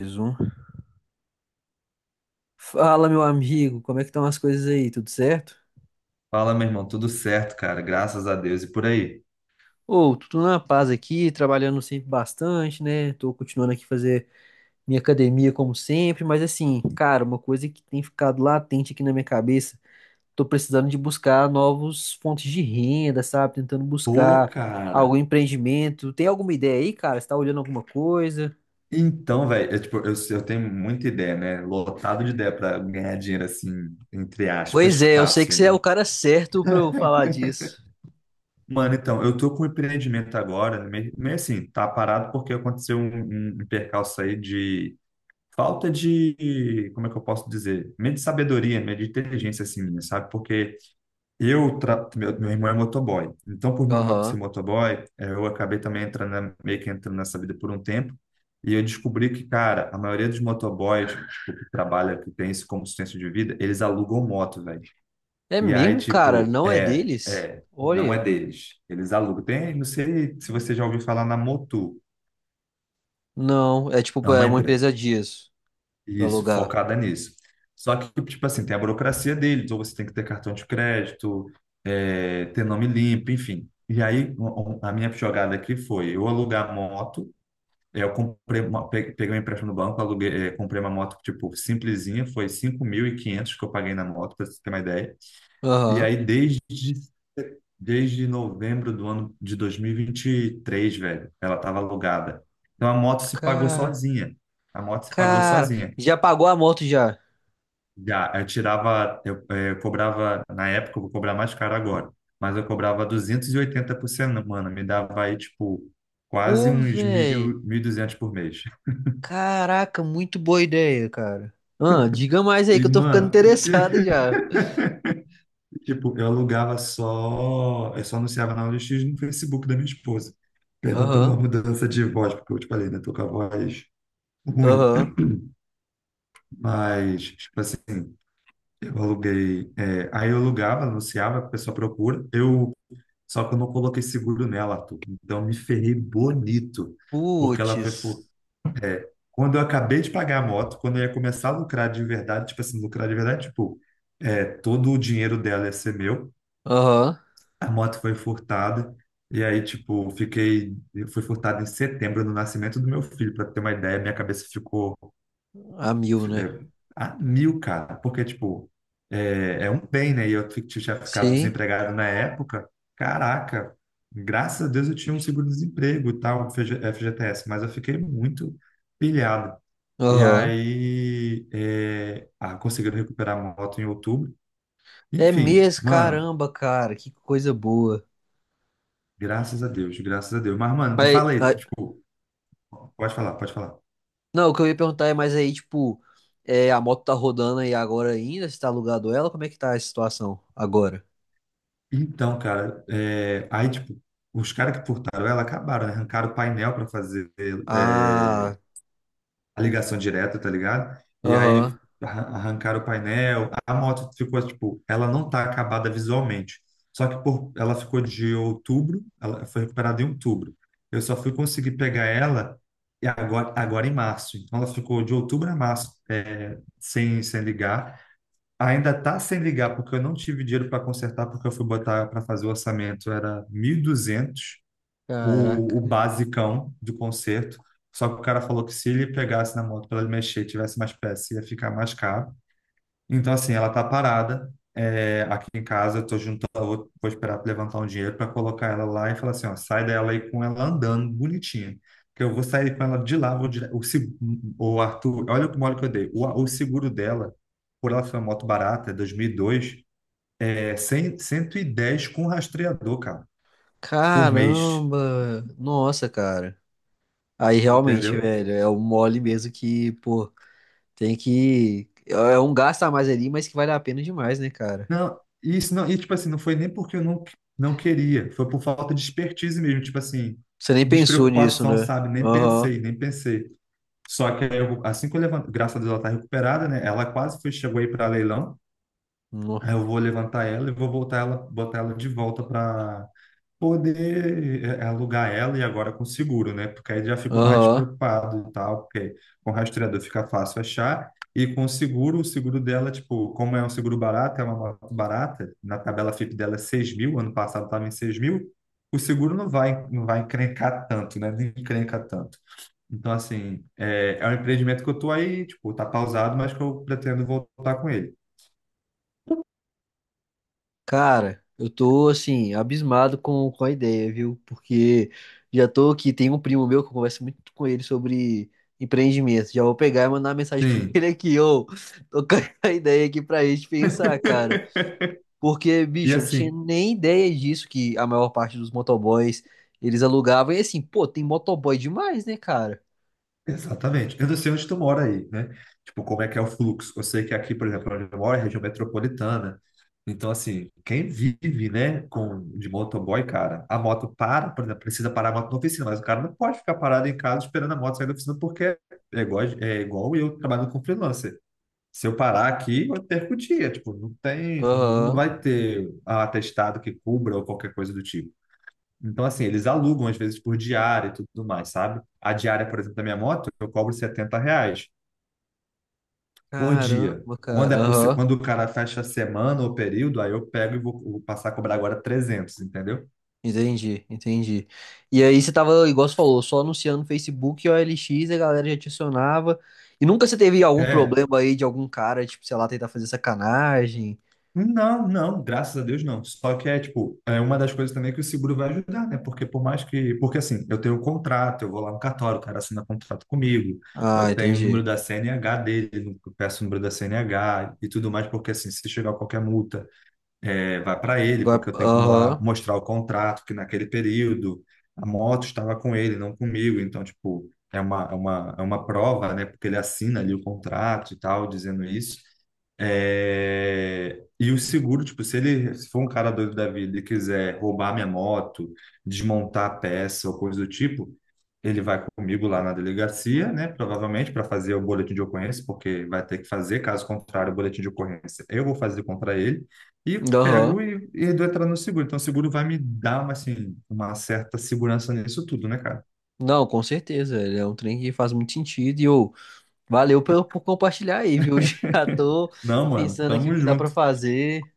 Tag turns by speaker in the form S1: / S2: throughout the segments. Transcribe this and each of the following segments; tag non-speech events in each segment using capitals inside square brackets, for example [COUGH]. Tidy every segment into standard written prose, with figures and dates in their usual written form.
S1: Mais um. Fala, meu amigo, como é que estão as coisas aí? Tudo certo?
S2: Fala, meu irmão, tudo certo, cara, graças a Deus e por aí.
S1: Ô, tudo na paz aqui, trabalhando sempre bastante, né? Tô continuando aqui fazer minha academia como sempre, mas assim, cara, uma coisa que tem ficado latente aqui na minha cabeça, tô precisando de buscar novos fontes de renda, sabe? Tentando
S2: Pô,
S1: buscar algum
S2: cara.
S1: empreendimento. Tem alguma ideia aí, cara? Você tá olhando alguma coisa?
S2: Então, velho, eu, tipo, eu tenho muita ideia, né? Lotado de ideia para ganhar dinheiro assim, entre aspas,
S1: Pois é, eu sei que
S2: fácil,
S1: você é o
S2: né?
S1: cara certo pra eu falar disso.
S2: Mano, então, eu tô com um empreendimento agora, meio assim, tá parado porque aconteceu um percalço aí de falta de, como é que eu posso dizer? Meio de sabedoria, meio de inteligência, assim, minha, sabe? Porque meu irmão é motoboy. Então, por meu irmão ser
S1: Aham.
S2: motoboy, eu acabei também entrando, meio que entrando nessa vida por um tempo. E eu descobri que, cara, a maioria dos motoboys que trabalha, que tem isso como sustento de vida, eles alugam moto, velho.
S1: É
S2: E aí,
S1: mesmo, cara?
S2: tipo,
S1: Não é deles?
S2: não
S1: Olha.
S2: é deles. Eles alugam. Tem, não sei se você já ouviu falar na Motu.
S1: Não, é
S2: É
S1: tipo, é
S2: uma
S1: uma
S2: empresa.
S1: empresa dias pra
S2: Isso,
S1: alugar.
S2: focada nisso. Só que, tipo assim, tem a burocracia deles, ou você tem que ter cartão de crédito, ter nome limpo, enfim. E aí, a minha jogada aqui foi eu alugar a moto, eu comprei uma, peguei um empréstimo no banco, comprei uma moto, tipo, simplesinha, foi 5.500 que eu paguei na moto, para você ter uma ideia. E
S1: Aham.
S2: aí, desde novembro do ano de 2023, velho, ela estava alugada. Então, a moto se pagou
S1: Ca-
S2: sozinha. A moto se pagou
S1: Cara,
S2: sozinha.
S1: já pagou a moto já?
S2: Já, eu tirava, eu, eh, cobrava, na época, eu vou cobrar mais caro agora, mas eu cobrava 280 por semana, me dava aí, tipo, quase
S1: Pô,
S2: uns
S1: véi.
S2: 1.000, 200 por mês.
S1: Caraca, muito boa ideia, cara. Ah, diga mais aí
S2: E,
S1: que eu tô ficando [LAUGHS]
S2: mano,
S1: interessado já.
S2: [LAUGHS] tipo, eu alugava só, eu só anunciava na OLX e no Facebook da minha esposa. Perdão pela
S1: Aham,
S2: mudança de voz, porque eu te falei, né, tô com a voz ruim,
S1: aham.
S2: mas, tipo assim, aí eu alugava, anunciava, a pessoa procura, eu. Só que eu não coloquei seguro nela, Arthur. Então me ferrei bonito, porque ela
S1: Putz.
S2: foi, fu- é, quando eu acabei de pagar a moto, quando eu ia começar a lucrar de verdade, tipo assim, lucrar de verdade, tipo, todo o dinheiro dela ia ser meu,
S1: Aham.
S2: a moto foi furtada, e aí, tipo, foi furtada em setembro, no nascimento do meu filho, para ter uma ideia, minha cabeça ficou
S1: A mil, né?
S2: é, a mil, cara, porque, tipo, é um bem, né? E eu tinha ficado
S1: Sim.
S2: desempregado na época, caraca, graças a Deus eu tinha um seguro-desemprego e tal, FG FGTS, mas eu fiquei muito pilhado. E
S1: Aham.
S2: aí, conseguiram recuperar a moto em outubro.
S1: É
S2: Enfim,
S1: mesmo,
S2: mano,
S1: caramba, cara. Que coisa boa.
S2: graças a Deus, graças a Deus. Mas, mano, me
S1: Mas,
S2: fala aí, tipo, pode falar, pode falar.
S1: Não, o que eu ia perguntar é, mas aí, tipo, é, a moto tá rodando aí agora ainda? Você tá alugado ela? Como é que tá a situação agora?
S2: Então, cara, aí, tipo, os caras que furtaram ela acabaram, né? Arrancaram o painel para fazer é,
S1: Ah,
S2: a ligação direta, tá ligado? E
S1: aham.
S2: aí arrancaram o painel, a moto ficou, tipo, ela não tá acabada visualmente. Só que ela ficou de outubro, ela foi recuperada em outubro. Eu só fui conseguir pegar ela e agora em março. Então, ela ficou de outubro a março, sem ligar. Ainda tá sem ligar, porque eu não tive dinheiro para consertar, porque eu fui botar para fazer o orçamento, era 1.200 o
S1: Caraca.
S2: basicão do conserto. Só que o cara falou que se ele pegasse na moto para ele mexer, e tivesse mais peça, ia ficar mais caro. Então, assim, ela tá parada, aqui em casa. Eu tô juntando, vou esperar pra levantar um dinheiro para colocar ela lá e falar assim: ó, sai dela aí com ela andando bonitinha. Que eu vou sair com ela de lá. Vou dire... o, se- o Arthur, olha o mole que eu dei. O seguro dela, por ela ser uma moto barata, é 2002, é 100, 110 com rastreador, cara, por mês.
S1: Caramba. Nossa, cara. Aí realmente,
S2: Entendeu?
S1: velho, é um mole mesmo que, pô, tem que. É um gasto a mais ali, mas que vale a pena demais, né, cara?
S2: Não, isso não, e tipo assim, não foi nem porque eu não queria, foi por falta de expertise mesmo, tipo assim,
S1: Você nem pensou nisso,
S2: despreocupação,
S1: né?
S2: sabe? Nem
S1: Aham.
S2: pensei, nem pensei. Só que aí eu, assim que eu levanto, graças a Deus ela tá recuperada, né? Ela quase chegou aí para leilão.
S1: No-
S2: Aí eu vou levantar ela e vou voltar ela, botar ela de volta para poder alugar ela e agora com seguro, né? Porque aí já fico mais
S1: Aham.
S2: despreocupado e tal, porque com o rastreador fica fácil achar. E com o seguro dela, tipo, como é um seguro barato, é uma moto barata, na tabela FIP dela é 6 mil, ano passado estava em 6 mil, o seguro não vai encrencar tanto, né? Não encrenca tanto. Então, assim, é um empreendimento que eu tô aí, tipo, tá pausado, mas que eu pretendo voltar com ele.
S1: Cara, eu tô assim, abismado com a ideia, viu? Porque já tô aqui, tem um primo meu que eu converso muito com ele sobre empreendimento. Já vou pegar e mandar uma mensagem [LAUGHS] pra
S2: Sim.
S1: ele aqui, ô. Tô com a ideia aqui pra gente pensar, cara. Porque,
S2: E
S1: bicho, eu não tinha
S2: assim.
S1: nem ideia disso, que a maior parte dos motoboys eles alugavam. E assim, pô, tem motoboy demais, né, cara?
S2: Exatamente. Eu não sei onde tu mora aí, né? Tipo, como é que é o fluxo? Eu sei que aqui, por exemplo, onde eu moro é região metropolitana. Então, assim, quem vive, né, com, de motoboy, cara, a moto para, por exemplo, precisa parar a moto na oficina, mas o cara não pode ficar parado em casa esperando a moto sair da oficina, porque é igual eu trabalhando com freelancer. Se eu parar aqui, eu perco o dia. Tipo, não tem, não
S1: Aham.
S2: vai ter atestado que cubra ou qualquer coisa do tipo. Então, assim, eles alugam às vezes por diária e tudo mais, sabe? A diária, por exemplo, da minha moto, eu cobro R$ 70 por dia.
S1: Caramba,
S2: Quando
S1: cara.
S2: é por, se-
S1: Aham.
S2: quando o cara fecha a semana ou período, aí eu pego e vou passar a cobrar agora 300, entendeu?
S1: Entendi, entendi. E aí você tava, igual você falou, só anunciando no Facebook e o OLX, a galera já te acionava. E nunca você teve algum
S2: É.
S1: problema aí de algum cara, tipo, sei lá, tentar fazer sacanagem?
S2: Não, não, graças a Deus não. Só que tipo, é uma das coisas também que o seguro vai ajudar, né? Porque por mais que... Porque, assim, eu tenho um contrato, eu vou lá no cartório, o cara assina contrato comigo, eu
S1: Ah,
S2: tenho o número
S1: entendi.
S2: da CNH dele, eu peço o número da CNH e tudo mais, porque, assim, se chegar qualquer multa, vai para ele,
S1: Vai-
S2: porque eu tenho como lá
S1: Aham,
S2: mostrar o contrato, que naquele período a moto estava com ele, não comigo. Então, tipo, é uma prova, né? Porque ele assina ali o contrato e tal, dizendo isso. É, e o seguro, tipo, se ele se for um cara doido da vida e quiser roubar minha moto, desmontar a peça ou coisa do tipo, ele vai comigo lá na delegacia, né? Provavelmente para fazer o boletim de ocorrência, porque vai ter que fazer, caso contrário, o boletim de ocorrência eu vou fazer contra ele, e
S1: aham.
S2: pego e dou entrada no seguro. Então, o seguro vai me dar uma, assim, uma certa segurança nisso tudo, né, cara?
S1: Não, com certeza, ele é um trem que faz muito sentido. E eu, valeu por compartilhar aí, viu? [LAUGHS] Já tô
S2: Não, mano,
S1: pensando aqui
S2: tamo
S1: o que dá pra
S2: junto.
S1: fazer.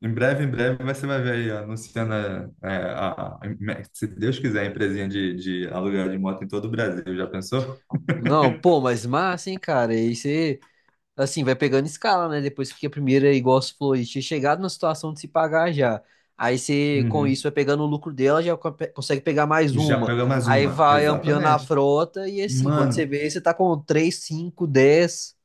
S2: Em breve, você vai ver aí, ó, anunciando, é, a, a- se Deus quiser, a empresinha de aluguel de moto em todo o Brasil. Já pensou?
S1: Não, pô, mas massa, hein, cara? E aí você. Assim, vai pegando escala, né? Depois que a primeira, é igual você falou, aí, tinha chegado na situação de se pagar já. Aí você, com isso,
S2: Uhum.
S1: vai pegando o lucro dela, já consegue pegar mais
S2: Já
S1: uma.
S2: pega mais
S1: Aí
S2: uma,
S1: vai ampliando a
S2: exatamente.
S1: frota e assim, quando você
S2: Mano,
S1: vê, você tá com 3 5 10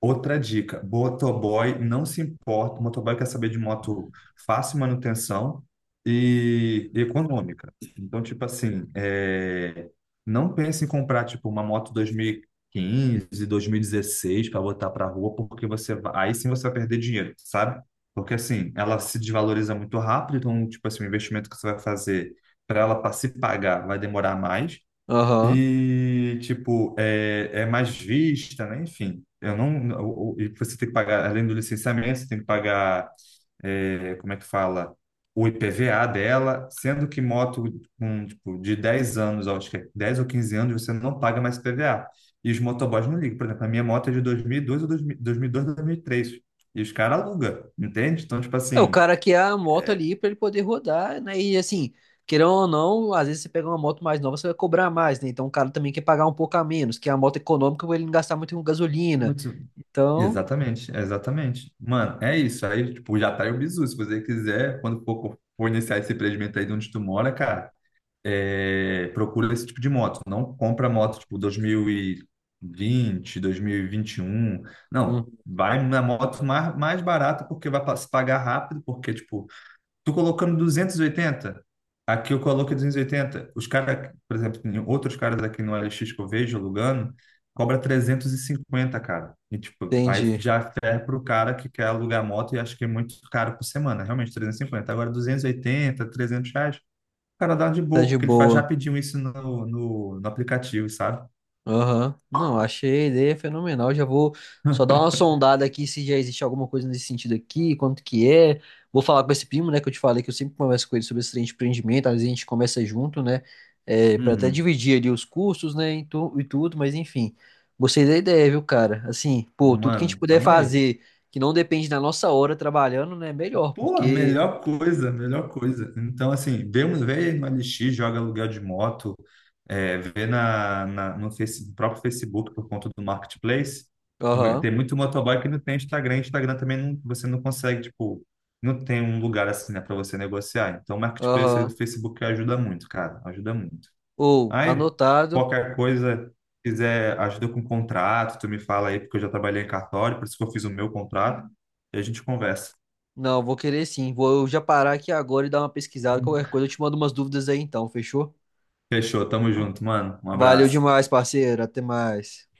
S2: outra dica, motoboy não se importa, o motoboy quer saber de moto fácil manutenção e econômica. Então, tipo assim, não pense em comprar tipo uma moto 2015, 2016 para botar para rua, porque aí sim você vai perder dinheiro, sabe? Porque assim, ela se desvaloriza muito rápido, então tipo assim, o investimento que você vai fazer para ela para se pagar vai demorar mais.
S1: Aham.
S2: E, tipo, é mais vista, né? Enfim, eu não. E você tem que pagar, além do licenciamento, você tem que pagar, como é que fala? O IPVA dela, sendo que moto com, tipo, de 10 anos, acho que é 10 ou 15 anos, você não paga mais IPVA. E os motoboys não ligam. Por exemplo, a minha moto é de 2002 ou 2000 2002, 2003. E 2003. E os caras alugam, entende? Então, tipo
S1: É o
S2: assim,
S1: cara que é a moto ali pra ele poder rodar, né? E assim, querendo ou não, às vezes você pega uma moto mais nova, você vai cobrar mais, né? Então o cara também quer pagar um pouco a menos, que é a moto econômica pra ele não gastar muito com gasolina. Então,
S2: exatamente, exatamente. Mano, é isso. Aí, tipo, já tá aí o bizu. Se você quiser, quando for iniciar esse empreendimento aí de onde tu mora, cara, procura esse tipo de moto. Não compra moto, tipo, 2020, 2021. Não,
S1: hum,
S2: vai na moto mais barata, porque vai se pagar rápido, porque, tipo, tu colocando 280 aqui eu coloco 280. Os caras, por exemplo, tem outros caras aqui no LX que eu vejo alugando, cobra 350, cara. E tipo, aí
S1: entendi.
S2: já ferra pro cara que quer alugar moto e acho que é muito caro por semana, realmente 350. Agora 280, R$ 300, o cara dá de
S1: Tá
S2: boa,
S1: de
S2: porque ele faz
S1: boa.
S2: rapidinho isso no aplicativo, sabe?
S1: Aham. Não, achei a ideia fenomenal. Já vou só dar uma sondada aqui se já existe alguma coisa nesse sentido aqui, quanto que é. Vou falar com esse primo, né, que eu te falei que eu sempre converso com ele sobre esse trem de empreendimento, às vezes a gente começa junto, né, é, para até
S2: Uhum.
S1: dividir ali os custos, né, e, e tudo, mas enfim. Gostei da ideia, viu, cara? Assim, pô, tudo que a gente
S2: Mano,
S1: puder
S2: tamo aí.
S1: fazer que não depende da nossa hora trabalhando, né, é melhor,
S2: Pô,
S1: porque...
S2: melhor coisa, melhor coisa. Então, assim, vê, vê no LX, joga aluguel de moto, vê no próprio Facebook por conta do Marketplace. Tem
S1: Aham,
S2: muito motoboy que não tem Instagram. Instagram também não, você não consegue, tipo, não tem um lugar assim, né, para você negociar. Então, o Marketplace aí do
S1: aham.
S2: Facebook ajuda muito, cara, ajuda muito.
S1: Ou,
S2: Aí,
S1: anotado.
S2: qualquer coisa, quiser ajuda com contrato, tu me fala aí, porque eu já trabalhei em cartório, por isso que eu fiz o meu contrato, e a gente conversa.
S1: Não, eu vou querer sim. Vou já parar aqui agora e dar uma pesquisada. Qualquer coisa eu te mando umas dúvidas aí então, fechou?
S2: Fechou, tamo junto, mano. Um
S1: Valeu
S2: abraço.
S1: demais, parceiro. Até mais.